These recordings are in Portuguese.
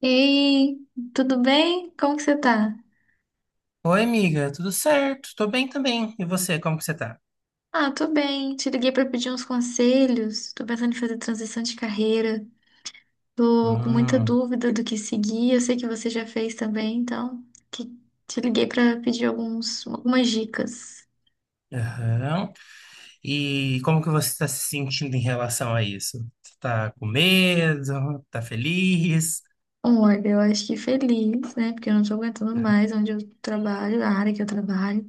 Ei, tudo bem? Como que você tá? Oi, amiga, tudo certo? Tô bem também. E você, como que você tá? Ah, tô bem. Te liguei pra pedir uns conselhos. Tô pensando em fazer transição de carreira. Tô com muita Hum, dúvida do que seguir. Eu sei que você já fez também, então que- te liguei pra pedir algumas dicas. aham. E como que você tá se sentindo em relação a isso? Você tá com medo? Tá feliz? Olha, eu acho que feliz, né? Porque eu não tô aguentando mais onde eu trabalho, a área que eu trabalho.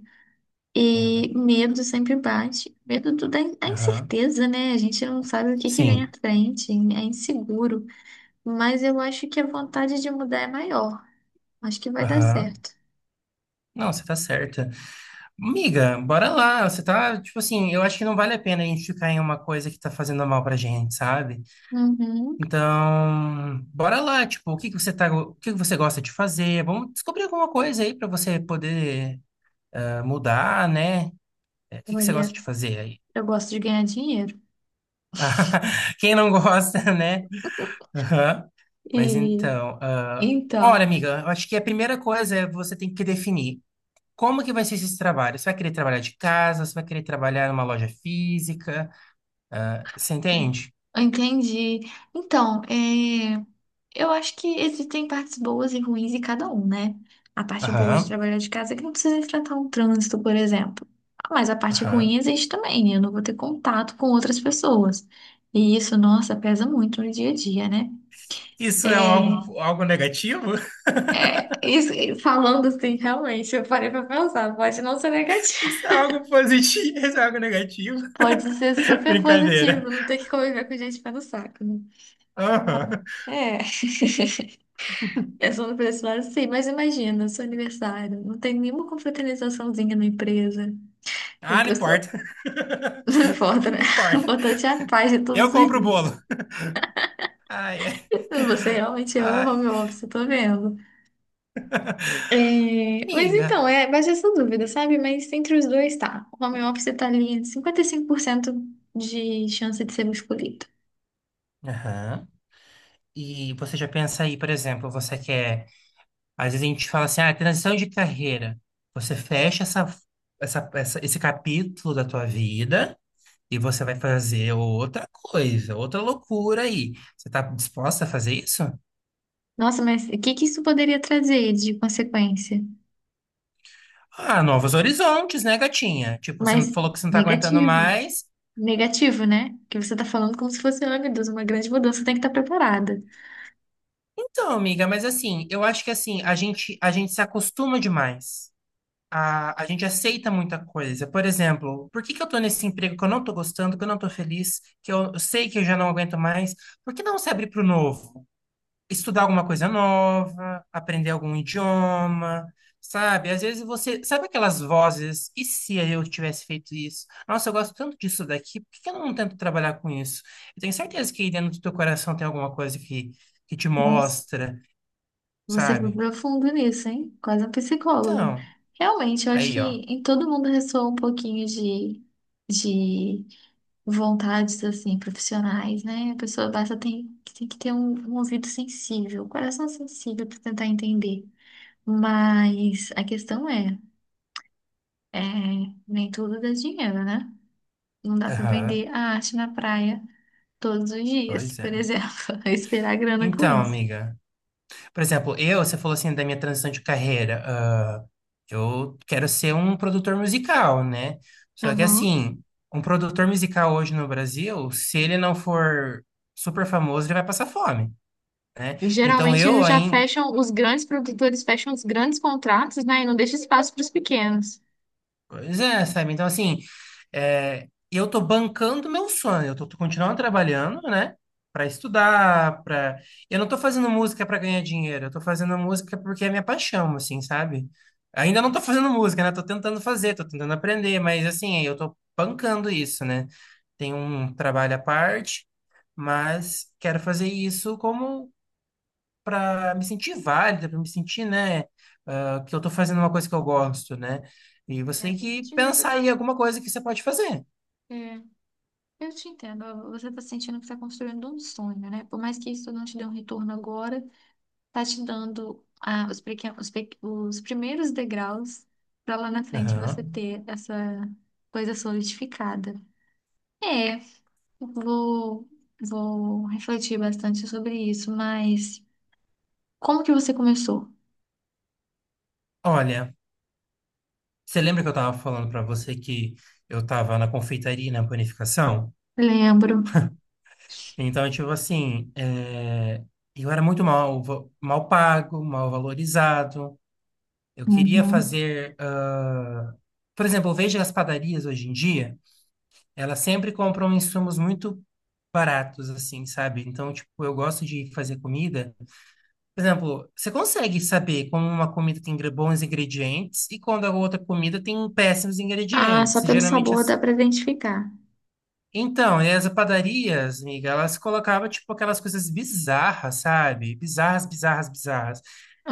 Entendo, E amiga. medo sempre bate. Medo da Aham. incerteza, né? A gente não sabe o que que vem à Sim. frente, é inseguro. Mas eu acho que a vontade de mudar é maior. Acho que vai dar Aham. certo. Não, você tá certa. Amiga, bora lá. Você tá, tipo assim, eu acho que não vale a pena a gente ficar em uma coisa que tá fazendo mal pra gente, sabe? Uhum. Então, bora lá, tipo, o que que você gosta de fazer? Vamos descobrir alguma coisa aí pra você poder mudar, né? É, o que que você gosta Olha, de fazer aí? eu gosto de ganhar dinheiro. Quem não gosta, né? Aham. E Mas então, olha, então, amiga, eu acho que a primeira coisa é você tem que definir como que vai ser esse trabalho. Você vai querer trabalhar de casa? Você vai querer trabalhar numa loja física? Ah, você entende? eu entendi. Então, é, eu acho que existem partes boas e ruins em cada um, né? A parte boa de Aham, trabalhar de casa é que não precisa enfrentar um trânsito, por exemplo. Mas a parte aham. ruim existe também, né? Eu não vou ter contato com outras pessoas. E isso, nossa, pesa muito no dia a dia, né? Isso é É, algo negativo? Isso, falando assim, realmente, eu parei pra pensar, pode não ser negativo, Isso é algo positivo? Isso é algo negativo? pode ser super positivo, Brincadeira. não ter que conviver com gente pé no saco, né? Mas, Aham. É, pensando por esse lado, sim, mas imagina, seu aniversário, não tem nenhuma confraternizaçãozinha na empresa, o Ah, não pessoal, importa. não importa, né? Não O importa. importante é a paz de Eu todos os compro o dias. bolo. Ai, ai. Você realmente ama o Ai, home office, eu tô vendo. É, mas amiga. então, é, bate essa dúvida, sabe? Mas entre os dois tá. O home office tá ali em 55% de chance de ser o escolhido. Aham. E você já pensa aí, por exemplo, você quer. Às vezes a gente fala assim, transição de carreira. Você fecha esse capítulo da tua vida e você vai fazer outra coisa, outra loucura aí. Você tá disposta a fazer isso? Nossa, mas o que que isso poderia trazer de consequência? Ah, novos horizontes, né, gatinha? Tipo, você não Mas falou que você não tá aguentando negativo. mais. Negativo, né? Porque você tá falando como se fosse, ai meu Deus, uma grande mudança, tem que estar preparada. Então, amiga, mas assim, eu acho que assim, a gente se acostuma demais. A gente aceita muita coisa. Por exemplo, por que que eu tô nesse emprego que eu não tô gostando, que eu não tô feliz, que eu sei que eu já não aguento mais? Por que não se abrir para o novo? Estudar alguma coisa nova, aprender algum idioma, sabe? Às vezes você... Sabe aquelas vozes? E se eu tivesse feito isso? Nossa, eu gosto tanto disso daqui, por que que eu não tento trabalhar com isso? Eu tenho certeza que aí dentro do teu coração tem alguma coisa que te Nossa. mostra, Você foi sabe? profundo nisso, hein? Quase um psicólogo. Então, Realmente, eu acho que aí, ó. em todo mundo ressoa um pouquinho de vontades, assim, profissionais, né? A pessoa basta tem que ter um ouvido sensível, um coração sensível para tentar entender. Mas a questão é, nem tudo dá dinheiro, né? Não dá para Aham, vender a arte na praia todos os dias, pois por é. exemplo, esperar grana com Então, isso. amiga, por exemplo, você falou assim da minha transição de carreira. Eu quero ser um produtor musical, né? Só que Aham. assim, um produtor musical hoje no Brasil, se ele não for super famoso, ele vai passar fome, né? Então, Geralmente eles já fecham, os grandes produtores fecham os grandes contratos, né? E não deixa espaço para os pequenos. pois é, sabe? Então, assim, eu tô bancando meu sonho, eu tô continuando trabalhando, né? Pra estudar, pra... Eu não tô fazendo música pra ganhar dinheiro, eu tô fazendo música porque é minha paixão, assim, sabe? Ainda não tô fazendo música, né? Tô tentando fazer, tô tentando aprender, mas, assim, eu tô bancando isso, né? Tem um trabalho à parte, mas quero fazer isso como para me sentir válida, para me sentir, né, que eu tô fazendo uma coisa que eu gosto, né? E você É, tem para que sentir você. pensar em alguma coisa que você pode fazer. É, eu te entendo. Você está sentindo que está construindo um sonho, né? Por mais que isso não te dê um retorno agora, tá te dando ah, os, pequen- os, pe- os primeiros degraus para lá na frente você Aham. ter essa coisa solidificada. É, vou, vou refletir bastante sobre isso, mas como que você começou? Olha, você lembra que eu tava falando para você que eu tava na confeitaria, e na panificação? Lembro. Então, tipo assim, eu era muito mal pago, mal valorizado. Eu queria Uhum. fazer, por exemplo, eu vejo as padarias hoje em dia. Ela sempre compram insumos muito baratos, assim, sabe? Então, tipo, eu gosto de fazer comida. Por exemplo, você consegue saber como uma comida tem bons ingredientes e quando a outra comida tem péssimos Ah, ingredientes. só pelo Geralmente, sabor dá para identificar. então, e as padarias, amiga, elas colocavam, tipo, aquelas coisas bizarras, sabe? Bizarras, bizarras, bizarras.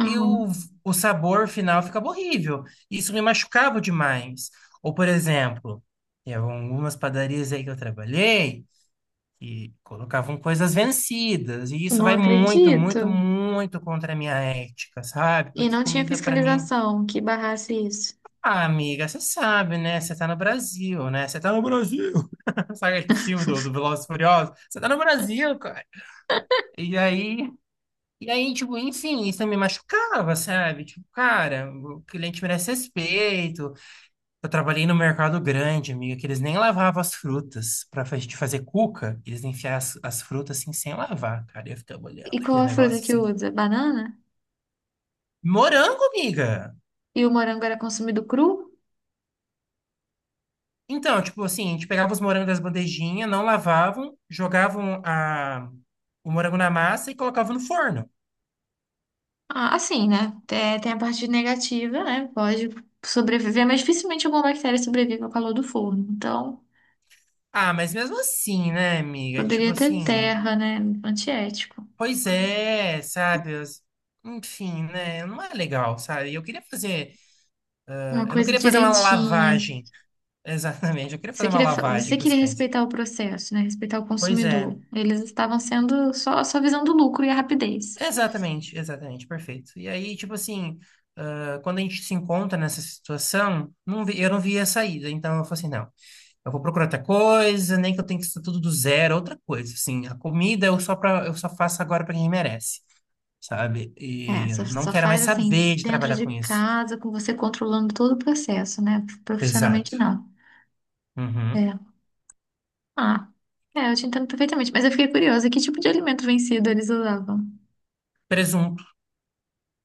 E o, o sabor final ficava horrível. Isso me machucava demais. Ou, por exemplo, em algumas padarias aí que eu trabalhei, que colocavam coisas vencidas, e isso Não vai muito, muito, acredito. muito contra a minha ética, sabe? E Porque não tinha comida pra mim, fiscalização que barrasse isso. Amiga, você sabe, né? Você tá no Brasil, né? Você tá no Brasil. Sabe aquele filme do Velozes e Furiosos? Você tá no Brasil, cara. E aí, e aí, tipo, enfim, isso me machucava, sabe? Tipo, cara, o cliente merece respeito. Eu trabalhei no mercado grande, amiga, que eles nem lavavam as frutas. Pra gente fazer cuca, eles enfiavam as frutas assim sem lavar, cara. Eu ficava E olhando qual aquele a negócio fruta que assim. usa? Banana? Morango, amiga! E o morango era consumido cru? Então, tipo assim, a gente pegava os morangos das bandejinhas, não lavavam, jogavam o morango na massa e colocavam no forno. Ah, assim, né? Tem a parte negativa, né? Pode sobreviver, mas dificilmente alguma bactéria sobrevive ao calor do forno. Então, Ah, mas mesmo assim, né, amiga? Tipo poderia ter assim, terra, né? Antiético. pois é, sabe? Enfim, né? Não é legal, sabe? Eu queria fazer. Uma Eu não coisa queria fazer uma direitinha. lavagem. Exatamente, eu queria Você fazer uma queria, você lavagem para os queria cães. respeitar o processo, né? Respeitar o Pois é, consumidor. Eles estavam sendo só visando o lucro e a rapidez. exatamente, exatamente, perfeito. E aí, tipo assim, quando a gente se encontra nessa situação, eu não via saída, então eu falei assim, não, eu vou procurar outra coisa, nem que eu tenha que estar tudo do zero, é outra coisa, assim, a comida eu só faço agora para quem merece, sabe? É, E não só quero faz mais assim, saber de dentro trabalhar de com isso. casa, com você controlando todo o processo, né? Exato. Profissionalmente, não. Uhum. É. Ah, é, eu te entendo perfeitamente. Mas eu fiquei curiosa, que tipo de alimento vencido eles usavam? Presunto.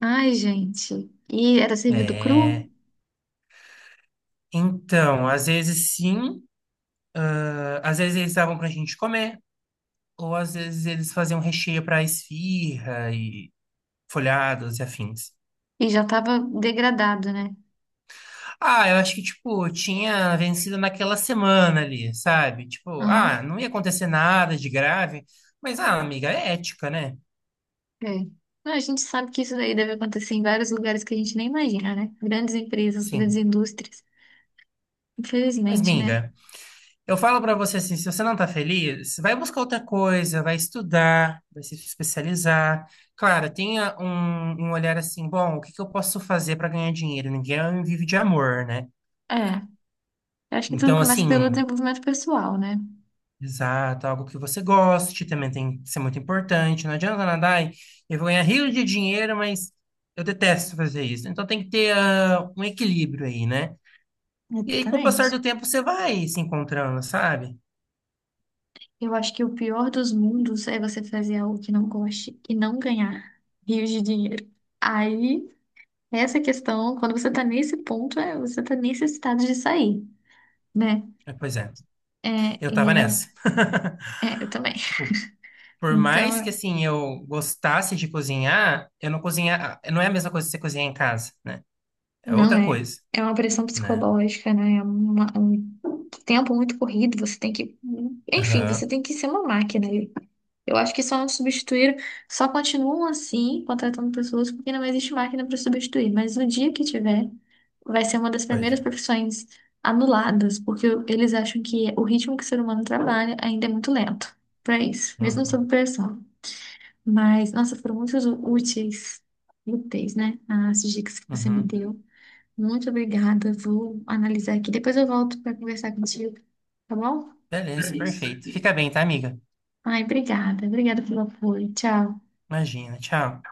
Ai, gente. E era servido cru É. Então, às vezes sim, às vezes eles davam pra gente comer. Ou às vezes eles faziam recheio para esfirra e folhados e afins. e já estava degradado, né? Ah, eu acho que, tipo, tinha vencido naquela semana ali, sabe? Tipo, Aham. Não ia acontecer nada de grave, mas, amiga, é ética, né? É. Não, a gente sabe que isso daí deve acontecer em vários lugares que a gente nem imagina, né? Grandes empresas, grandes Sim. indústrias. Mas, Infelizmente, né? amiga, eu falo pra você assim, se você não tá feliz, vai buscar outra coisa, vai estudar, vai se especializar. Claro, tenha um olhar assim, bom, o que que eu posso fazer pra ganhar dinheiro? Ninguém vive de amor, né? É. Eu acho que tudo Então, começa pelo assim, desenvolvimento pessoal, né? exato, algo que você goste também tem que ser muito importante. Não adianta nada, ai, eu vou ganhar rios de dinheiro, mas eu detesto fazer isso. Então tem que ter um equilíbrio aí, né? E aí, com o passar Exatamente. do tempo, você vai se encontrando, sabe? Eu acho que o pior dos mundos é você fazer algo que não goste e não ganhar rios de dinheiro. Aí, essa questão, quando você tá nesse ponto, é, você tá necessitado de sair, né? Pois é, É, eu e tava era, nessa. é, eu também. Tipo, por mais que Então, assim eu gostasse de cozinhar, eu não cozinhar, não é a mesma coisa que você cozinhar em casa, né? É não outra é. coisa, É uma pressão né? psicológica, né? É um tempo muito corrido, você tem que, enfim, você Aham, tem que ser uma máquina. Eu acho que só não substituíram, só continuam assim, contratando pessoas, porque não existe máquina para substituir. Mas no dia que tiver, vai ser uma das pois primeiras é. profissões anuladas, porque eles acham que o ritmo que o ser humano trabalha ainda é muito lento para isso, mesmo Uhum, sob pressão. Mas, nossa, foram muito úteis, úteis, né? As dicas que você me uhum. deu. Muito obrigada. Vou analisar aqui. Depois eu volto para conversar contigo, tá bom? Beleza, perfeito. Fica bem, tá, amiga? Ai, obrigada. Obrigada pelo apoio. Tchau. Imagina, tchau.